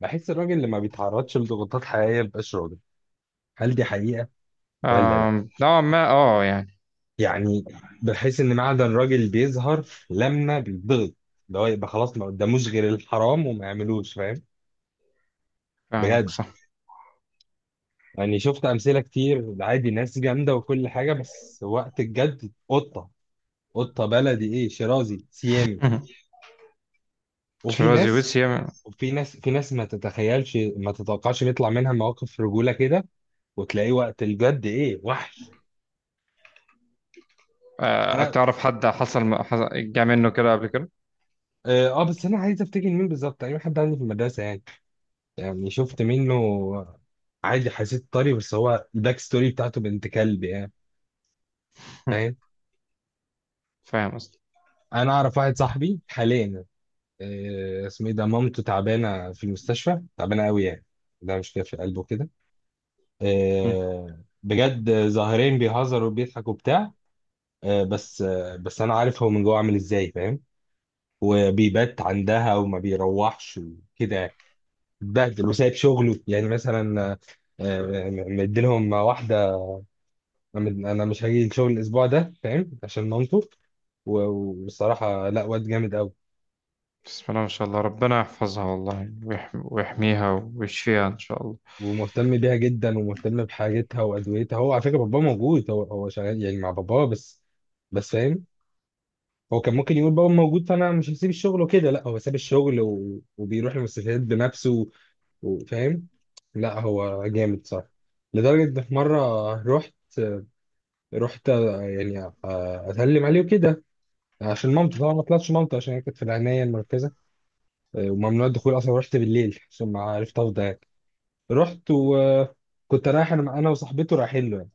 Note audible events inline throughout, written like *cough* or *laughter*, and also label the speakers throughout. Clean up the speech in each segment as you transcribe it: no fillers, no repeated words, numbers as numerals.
Speaker 1: بحس الراجل اللي ما بيتعرضش لضغوطات حقيقية مبقاش راجل. هل دي حقيقة ولا لا؟
Speaker 2: نوعا ما يعني
Speaker 1: يعني بحس ان معدن راجل بيظهر لما بيتضغط، اللي هو يبقى خلاص ما قداموش غير الحرام وما يعملوش، فاهم؟
Speaker 2: فاهمك
Speaker 1: بجد.
Speaker 2: صح.
Speaker 1: يعني شفت امثلة كتير، عادي، ناس جامدة وكل حاجة بس وقت الجد قطة. قطة بلدي، ايه، شيرازي سيامي.
Speaker 2: *laughs*
Speaker 1: وفي
Speaker 2: تشيروزي
Speaker 1: ناس
Speaker 2: ويسيا.
Speaker 1: وفي ناس في ناس ما تتخيلش ما تتوقعش بيطلع منها مواقف رجولة كده، وتلاقيه وقت الجد ايه، وحش. انا
Speaker 2: تعرف حد جه منه كده قبل كده؟
Speaker 1: اه بس انا عايز افتكر مين بالظبط، اي حد عندي في المدرسه يعني. يعني شفت منه عادي، حسيت طري، بس هو الباك ستوري بتاعته بنت كلب يعني، فاهم.
Speaker 2: فاهم قصدي.
Speaker 1: انا اعرف واحد صاحبي حاليا، اسمه ايه ده، مامته تعبانه في المستشفى، تعبانه قوي يعني، ده مش في قلبه كده.
Speaker 2: مم.
Speaker 1: بجد ظاهرين بيهزروا وبيضحكوا وبتاع، بس انا عارف هو من جوه عامل ازاي، فاهم. وبيبات عندها وما بيروحش وكده يعني. اتبهدل وسايب شغله يعني مثلا، مديلهم واحده. انا مش هاجي الشغل الاسبوع ده فاهم عشان مامته، والصراحه لا، واد جامد قوي،
Speaker 2: بسم الله ما شاء الله، ربنا يحفظها والله ويحميها ويشفيها ان شاء الله.
Speaker 1: ومهتم بيها جدا ومهتم بحاجتها وادويتها. هو على فكره باباه موجود، هو شغال يعني مع باباه بس، بس فاهم، هو كان ممكن يقول بابا موجود فانا مش هسيب الشغل وكده، لا هو ساب الشغل وبيروح المستشفيات بنفسه وفاهم. لا هو جامد صح. لدرجه إن في مره رحت يعني اسلم عليه وكده، عشان مامته طبعا. ما طلعتش مامته عشان هي كانت في العنايه المركزه وممنوع الدخول اصلا. رحت بالليل عشان ما عرفت افضى يعني. رحت وكنت رايح، انا وصاحبته رايحين له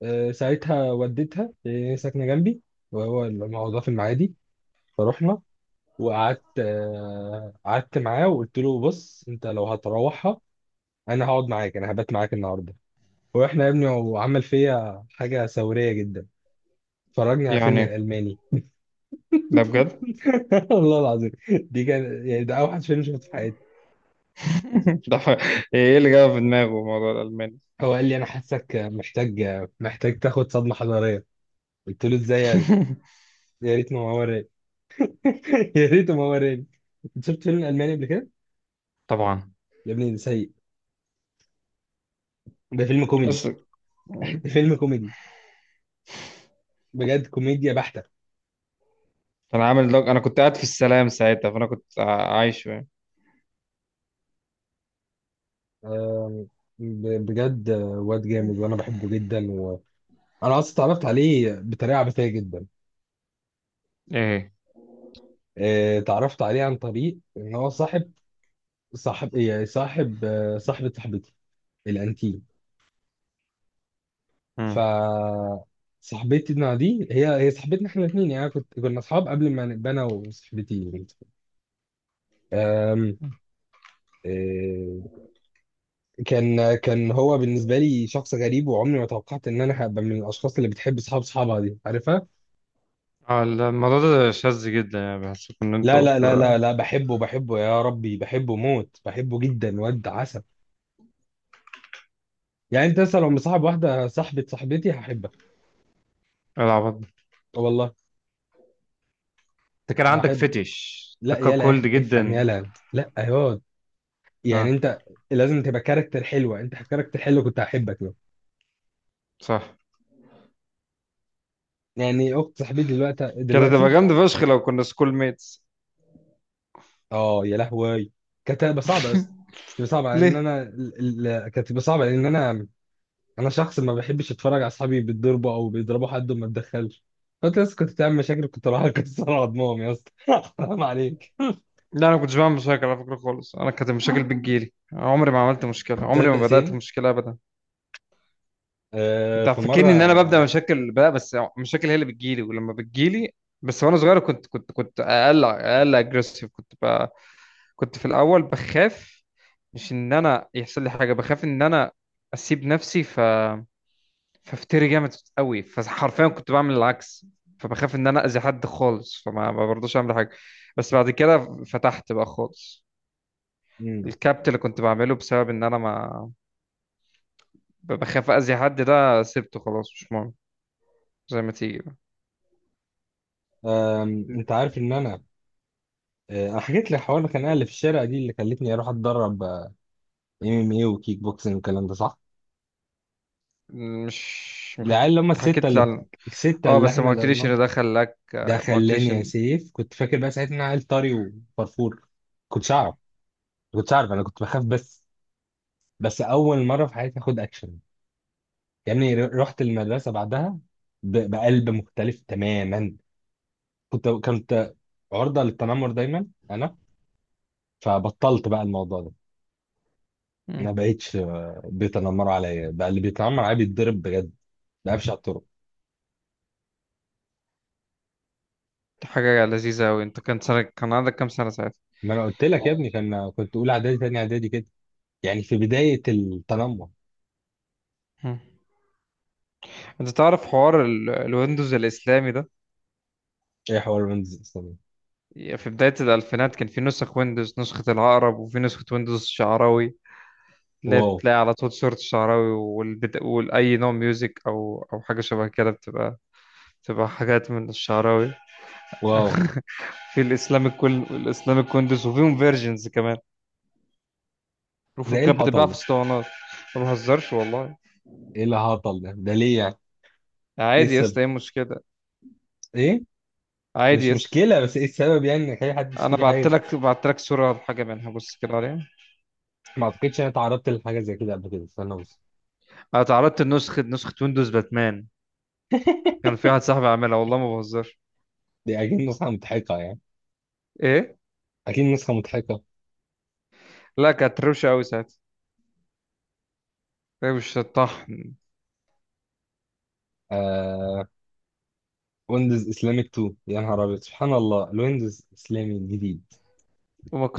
Speaker 1: يعني ساعتها، وديتها، هي ساكنه جنبي وهو الموضوع في المعادي. فروحنا وقعدت، قعدت معاه وقلت له بص، انت لو هتروحها انا هقعد معاك، انا هبات معاك النهارده. ورحنا يا ابني وعمل فيا حاجه ثوريه جدا، فرجني على فيلم
Speaker 2: يعني
Speaker 1: الالماني.
Speaker 2: ده بجد؟
Speaker 1: *laughs* والله العظيم دي كان يعني ده اوحش فيلم شفته في حياتي.
Speaker 2: *laughs* ده ح- ايه اللي جاب في دماغه موضوع الالماني؟
Speaker 1: هو قال لي انا حاسك محتاج، محتاج تاخد صدمه حضاريه. قلت له ازاي يعني؟
Speaker 2: *laughs*
Speaker 1: يا ريت ما هو وراني. *laughs* يا ريت ما هو وراني. أنت شفت فيلم الماني قبل كده؟
Speaker 2: طبعا.
Speaker 1: يا ابني ده سيء، ده فيلم كوميدي.
Speaker 2: بس
Speaker 1: *laughs* ده فيلم كوميدي، بجد كوميديا بحته.
Speaker 2: كان عامل دوج، انا كنت قاعد في السلام ساعتها، فانا كنت عايش يعني.
Speaker 1: آم، بجد واد جامد وانا بحبه جدا، وانا اصلا اتعرفت عليه بطريقه عبثيه جدا.
Speaker 2: ايه؟
Speaker 1: اتعرفت عليه عن طريق ان هو صاحب، صاحب إيه، صاحب آه، صاحبه صاحبتي الانتي. ف
Speaker 2: مم.
Speaker 1: صاحبتنا دي هي صاحبتنا احنا الاثنين يعني، كنا اصحاب قبل ما نبقى انا وصاحبتي يعني. أم... إيه، كان هو بالنسبه لي شخص غريب، وعمري ما توقعت ان انا هبقى من الاشخاص اللي بتحب اصحاب اصحابها، دي عارفها.
Speaker 2: اه، الموضوع ده شاذ جدا، يعني بحس ان
Speaker 1: لا
Speaker 2: انتوا
Speaker 1: لا لا لا
Speaker 2: كده.
Speaker 1: لا بحبه، بحبه يا ربي، بحبه موت، بحبه جدا، واد عسل. يعني انت مثلا لو مصاحب واحده صاحبه صاحبتي هحبها.
Speaker 2: العب.
Speaker 1: والله
Speaker 2: انت كان عندك
Speaker 1: هحب.
Speaker 2: فتش.
Speaker 1: لا
Speaker 2: انت كان
Speaker 1: يلا
Speaker 2: كولد
Speaker 1: افهم
Speaker 2: جدا.
Speaker 1: يلا لا يا، يعني
Speaker 2: اه،
Speaker 1: انت لازم تبقى كاركتر حلوه، انت كاركتر حلو كنت هحبك له.
Speaker 2: صح.
Speaker 1: يعني اخت صاحبتي دلوقتي
Speaker 2: كانت هتبقى
Speaker 1: دلوقتي،
Speaker 2: جامدة فشخ لو كنا سكول ميتس.
Speaker 1: اه يا لهوي، كانت هتبقى صعبه، بس تبقى صعبه
Speaker 2: *laughs*
Speaker 1: لان
Speaker 2: ليه؟
Speaker 1: انا كانت تبقى صعبه لان انا، انا شخص ما بحبش اتفرج على اصحابي بيتضربوا او بيضربوا حد وما اتدخلش. فانت لسه كنت بتعمل مشاكل، كنت رايح *laughs* اكسر عضمهم يا اسطى *laughs* حرام عليك.
Speaker 2: لا، انا ما كنتش بعمل مشاكل على فكره خالص، انا كانت المشاكل بتجيلي، عمري ما عملت مشكله، عمري
Speaker 1: تصدق
Speaker 2: ما بدات
Speaker 1: سيم،
Speaker 2: مشكله ابدا.
Speaker 1: آه
Speaker 2: انت
Speaker 1: في مره.
Speaker 2: فاكرني ان انا ببدا مشاكل بقى، بس مشاكل هي اللي بتجيلي ولما بتجيلي. بس وانا صغير كنت اقل اجريسيف كنت بقى. كنت في الاول بخاف، مش ان انا يحصل لي حاجه، بخاف ان انا اسيب نفسي ف ففتري جامد قوي، فحرفيا كنت بعمل العكس. فبخاف ان انا اذي حد خالص، فما ما برضوش اعمل حاجه. بس بعد كده فتحت بقى خالص،
Speaker 1: مم.
Speaker 2: الكابت اللي كنت بعمله بسبب ان انا ما بخاف اذي حد، ده سبته خلاص مش مهم، زي ما تيجي بقى.
Speaker 1: آم، انت عارف ان انا، أنا حكيت لك حوار الخناقه اللي في الشارع دي اللي خلتني اروح اتدرب ام ام ايه وكيك بوكسنج والكلام ده صح؟
Speaker 2: مش ما
Speaker 1: العيال
Speaker 2: حكيت؟
Speaker 1: اللي هم الستة
Speaker 2: حكيت لي
Speaker 1: اللي،
Speaker 2: عن.
Speaker 1: الستة
Speaker 2: اه،
Speaker 1: اللي
Speaker 2: بس ما
Speaker 1: احنا
Speaker 2: قلتليش
Speaker 1: ضربناهم،
Speaker 2: ان ده خلاك.
Speaker 1: ده
Speaker 2: ما
Speaker 1: خلاني
Speaker 2: قلتليش
Speaker 1: يا
Speaker 2: ان.
Speaker 1: سيف. كنت فاكر بقى ساعتها ان أنا عيل طري وفرفور، كنتش اعرف، كنتش اعرف، انا كنت بخاف بس، بس اول مرة في حياتي اخد اكشن. يعني رحت المدرسة بعدها بقلب مختلف تماما. كنت عرضة للتنمر دايما انا، فبطلت بقى الموضوع ده.
Speaker 2: مم.
Speaker 1: ما بقتش بيتنمروا عليا، بقى اللي بيتنمر عليا بيتضرب بجد، بقفش على الطرق.
Speaker 2: دي حاجه لذيذه قوي، انت كان سنه، كان عندك كام سنه ساعتها؟
Speaker 1: ما انا قلت لك يا ابني، كان كنت اولى اعدادي تاني اعدادي كده، يعني في بداية التنمر.
Speaker 2: مم. انت تعرف حوار الويندوز الاسلامي ده؟
Speaker 1: ايه حوار بنز اصلا؟
Speaker 2: في بداية الألفينات كان في نسخ ويندوز، نسخة العقرب وفي نسخة ويندوز الشعراوي، اللي هي
Speaker 1: واو.
Speaker 2: بتلاقي على طول صورة الشعراوي والأي نوع ميوزك أو حاجة شبه كده بتبقى بتبقى حاجات من الشعراوي.
Speaker 1: واو.
Speaker 2: في الإسلامك، كل الإسلامك ويندوز، وفيهم فيرجنز كمان،
Speaker 1: ده
Speaker 2: وفيهم
Speaker 1: ايه
Speaker 2: كانت بتتباع
Speaker 1: الهطل
Speaker 2: في
Speaker 1: ده؟
Speaker 2: اسطوانات. ما بهزرش والله.
Speaker 1: ايه الهطل ده؟ ده ليه يعني؟ ايه
Speaker 2: عادي يا
Speaker 1: السبب؟
Speaker 2: اسطى، ايه المشكلة؟
Speaker 1: ايه؟
Speaker 2: عادي
Speaker 1: مش
Speaker 2: يا اسطى.
Speaker 1: مشكلة بس ايه السبب يعني، انك اي حد
Speaker 2: أنا
Speaker 1: يشتري حاجة
Speaker 2: بعت
Speaker 1: زي-.
Speaker 2: لك، صورة لحاجة منها، بص كده عليها.
Speaker 1: ما اعتقدش انا اتعرضت لحاجة زي كده قبل كده، استنى بص.
Speaker 2: أنا تعرضت لنسخة، نسخة ويندوز باتمان، كان في
Speaker 1: *laughs*
Speaker 2: واحد صاحبي عاملها، والله ما بهزرش.
Speaker 1: دي اكيد نسخة مضحكة يعني.
Speaker 2: إيه؟
Speaker 1: اكيد نسخة مضحكة.
Speaker 2: لا، كانت روشة أوي ساعتها، هي مش الطحن.
Speaker 1: آه ويندوز اسلامك 2، يا نهار ابيض سبحان الله، الويندوز اسلامي الجديد.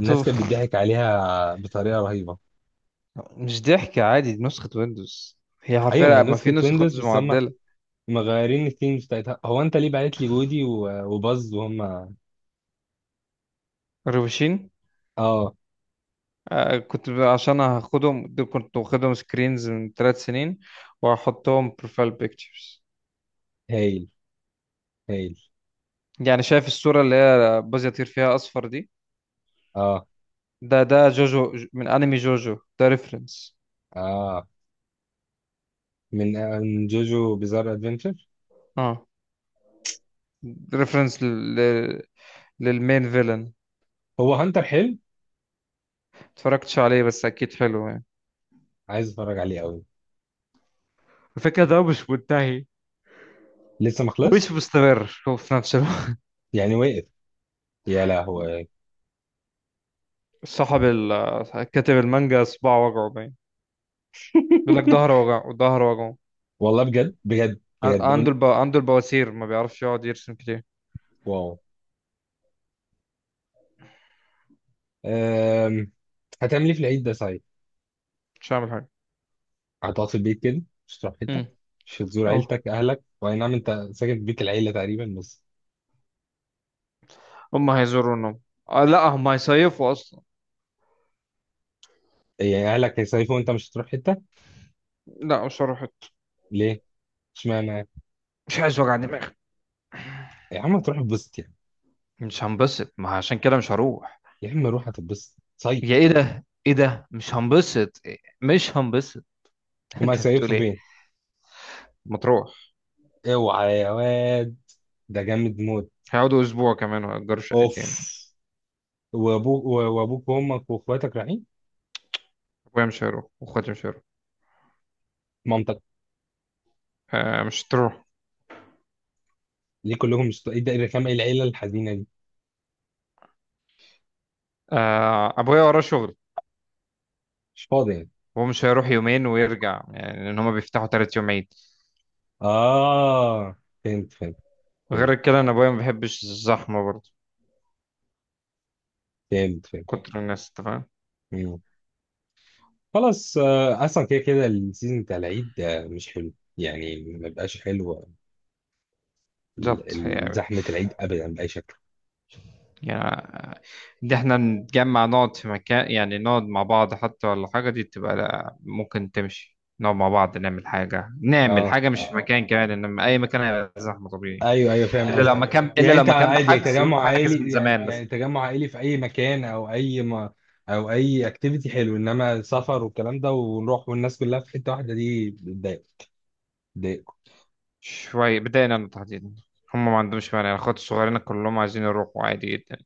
Speaker 1: الناس كانت بتضحك عليها بطريقة رهيبة.
Speaker 2: مش ضحك عادي، دي نسخة ويندوز، هي
Speaker 1: ايوه ما هي
Speaker 2: حرفيا، ما في
Speaker 1: نسخة
Speaker 2: نسخ
Speaker 1: ويندوز
Speaker 2: ويندوز
Speaker 1: بس هم
Speaker 2: معدلة.
Speaker 1: مغيرين الثيمز بتاعتها. هو انت ليه بعت لي وودي وباز وهم؟
Speaker 2: الروشين.
Speaker 1: اه.
Speaker 2: كنت عشان هاخدهم دول، كنت واخدهم سكرينز من 3 سنين، وهحطهم بروفايل بيكتشرز.
Speaker 1: هايل. هايل.
Speaker 2: يعني شايف الصورة اللي هي باز يطير فيها أصفر دي؟
Speaker 1: اه.
Speaker 2: ده جوجو، من أنمي جوجو، ده ريفرنس.
Speaker 1: اه من من جوجو بيزار ادفنتشر.
Speaker 2: اه. ريفرنس للمين فيلن.
Speaker 1: هو هانتر حلو؟
Speaker 2: اتفرجتش عليه بس أكيد حلو يعني.
Speaker 1: عايز اتفرج عليه قوي.
Speaker 2: الفكرة ده مش منتهي،
Speaker 1: لسه ما
Speaker 2: مش
Speaker 1: خلصش؟
Speaker 2: مستمر هو في نفس الوقت.
Speaker 1: يعني واقف، يا لهوي.
Speaker 2: كاتب المانجا صباعه وجعه باين، بيقول لك
Speaker 1: *laughs*
Speaker 2: ظهره وجعه، ظهره وجعه.
Speaker 1: والله بجد بجد بجد قول.
Speaker 2: عنده البواسير، ما بيعرفش يقعد يرسم كتير.
Speaker 1: واو. أم... هتعمل ايه في العيد ده صحيح؟
Speaker 2: مش هعمل حاجة.
Speaker 1: هتقعد في البيت كده، مش هتروح حته؟
Speaker 2: امم.
Speaker 1: مش هتزور
Speaker 2: اه،
Speaker 1: عيلتك اهلك، واي نعم انت ساكن في بيت العيله تقريبا بس.
Speaker 2: هم هيزورونهم. آه، لا هم هيصيفوا اصلا.
Speaker 1: يعني اهلك هيصيفوا وانت مش هتروح حته؟
Speaker 2: لا، مش هروح.
Speaker 1: ليه؟ اشمعنى؟
Speaker 2: مش عايز وجع دماغ.
Speaker 1: يا عم تروح اتبسط يعني.
Speaker 2: مش هنبسط، ما عشان كده مش هروح.
Speaker 1: يا عم روح هتتبسط،
Speaker 2: يا،
Speaker 1: صيف.
Speaker 2: ايه ده؟ ايه ده؟ مش هنبسط إيه؟ مش هنبسط. *laughs*
Speaker 1: هما
Speaker 2: انت بتقول
Speaker 1: هيصيفوا
Speaker 2: ايه؟
Speaker 1: فين؟
Speaker 2: ما تروح.
Speaker 1: اوعى يا واد، ده جامد موت.
Speaker 2: هيقعدوا اسبوع كمان وهيأجروا
Speaker 1: اوف.
Speaker 2: شقتين.
Speaker 1: وابوك، وابوك وامك واخواتك رايحين؟
Speaker 2: ابويا مش هيروح واخواتي مش هيروح.
Speaker 1: مامتك؟
Speaker 2: آه، مش تروح.
Speaker 1: ليه كلهم مش، ايه ده، ايه الرخامه، ايه العيله الحزينه دي؟
Speaker 2: ابويا وراه شغل،
Speaker 1: مش فاضي يعني؟
Speaker 2: هو مش هيروح يومين ويرجع يعني، لان هما بيفتحوا 3 يوم عيد.
Speaker 1: اه، فهمت فهمت، فهمت.
Speaker 2: غير كده انا ابويا ما بيحبش الزحمه برضه،
Speaker 1: فهمت فهمت.
Speaker 2: كتر الناس، انت فاهم.
Speaker 1: مم. خلاص اصلا كده كده السيزون بتاع العيد ده مش حلو يعني، ما بقاش حلو.
Speaker 2: بالظبط، هي أوي.
Speaker 1: زحمه العيد ابدا باي شكل.
Speaker 2: يعني ان احنا نتجمع، نقعد في مكان، يعني نقعد مع بعض حتى ولا حاجه، دي تبقى لا، ممكن تمشي، نقعد مع بعض نعمل حاجه، نعمل
Speaker 1: اه
Speaker 2: حاجه مش في مكان كمان، انما اي مكان هيبقى زحمه طبيعي.
Speaker 1: ايوه ايوه
Speaker 2: الا
Speaker 1: فاهم
Speaker 2: لو، ايوه ايوه،
Speaker 1: قصدك.
Speaker 2: مكان، الا
Speaker 1: يعني
Speaker 2: لو
Speaker 1: انت
Speaker 2: مكان
Speaker 1: عادي يعني
Speaker 2: بحجز وانت
Speaker 1: تجمع
Speaker 2: حاجز من
Speaker 1: عائلي، يعني
Speaker 2: زمان
Speaker 1: يعني
Speaker 2: بس.
Speaker 1: تجمع عائلي في اي مكان او اي ما، او اي اكتيفيتي حلو، انما سفر والكلام ده ونروح والناس كلها في حته واحده دي بتضايق، بتضايق.
Speaker 2: شويه بدأنا تحديدا. هم ما عندهمش مانع، الاخوات الصغيرين كلهم عايزين يروحوا عادي جدا.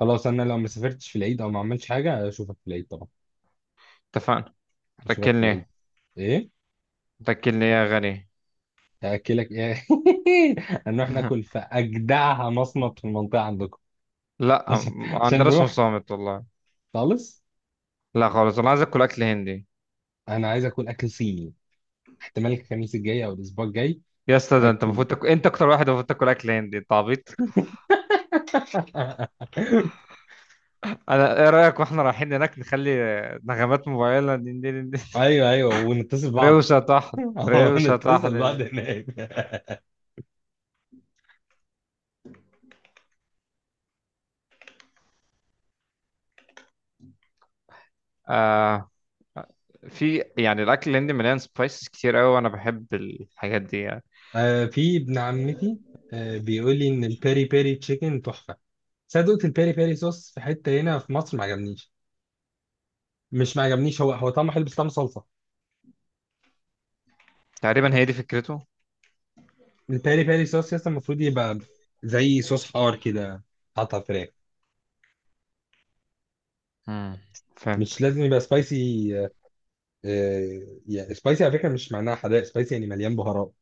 Speaker 1: خلاص انا لو ما سافرتش في العيد او ما عملتش حاجه اشوفك في العيد طبعا.
Speaker 2: اتفقنا.
Speaker 1: اشوفك في
Speaker 2: هتاكلني
Speaker 1: العيد.
Speaker 2: ايه؟
Speaker 1: ايه،
Speaker 2: هتاكلني إيه يا غني؟
Speaker 1: هاكلك ايه؟ *laughs* هنروح ناكل
Speaker 2: *laughs*
Speaker 1: في اجدعها مصمت في المنطقه عندكم.
Speaker 2: لا،
Speaker 1: عشان
Speaker 2: ما
Speaker 1: عشان
Speaker 2: عندناش
Speaker 1: نروح.
Speaker 2: مصامت والله.
Speaker 1: خالص،
Speaker 2: لا خالص، انا عايز اكل هندي.
Speaker 1: انا عايز اكل اكل صيني. احتمال الخميس الجاي او الاسبوع الجاي.
Speaker 2: يا اسطى، ده انت
Speaker 1: اكل.
Speaker 2: المفروض تاكل، انت اكتر واحد المفروض تاكل اكل هندي، انت عبيط.
Speaker 1: *laughs*
Speaker 2: انا، ايه رايك واحنا رايحين هناك نخلي نغمات موبايلنا دين دين دين؟
Speaker 1: ايوه ايوه ونتصل
Speaker 2: *laughs*
Speaker 1: بعض.
Speaker 2: روشه طحن.
Speaker 1: *laughs*
Speaker 2: روشه
Speaker 1: نتصل
Speaker 2: طحن.
Speaker 1: بعض هناك. *laughs*
Speaker 2: آه. في يعني الاكل الهندي مليان سبايسز كتير قوي وانا بحب الحاجات دي يعني.
Speaker 1: آه في ابن عمتي، آه بيقول لي ان البيري بيري تشيكن تحفه. بس انا دقت البيري بيري صوص في حته هنا في مصر ما عجبنيش، مش ما عجبنيش، هو طعمه حلو بس طعمه صلصه.
Speaker 2: تقريبا هي دي فكرته.
Speaker 1: البيري بيري صوص يس المفروض يبقى زي صوص حار كده، حاطط على الفراخ.
Speaker 2: امم.
Speaker 1: مش
Speaker 2: فهمتك.
Speaker 1: لازم يبقى سبايسي. آه، يعني سبايسي على فكره مش معناها حراق. سبايسي يعني مليان بهارات،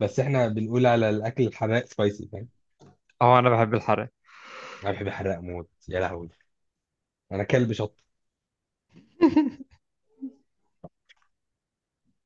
Speaker 1: بس احنا بنقول على الاكل الحراق سبايسي، فاهم.
Speaker 2: اه، انا بحب الحرق.
Speaker 1: انا بحب الحراق موت، يا لهوي، انا كلب شط.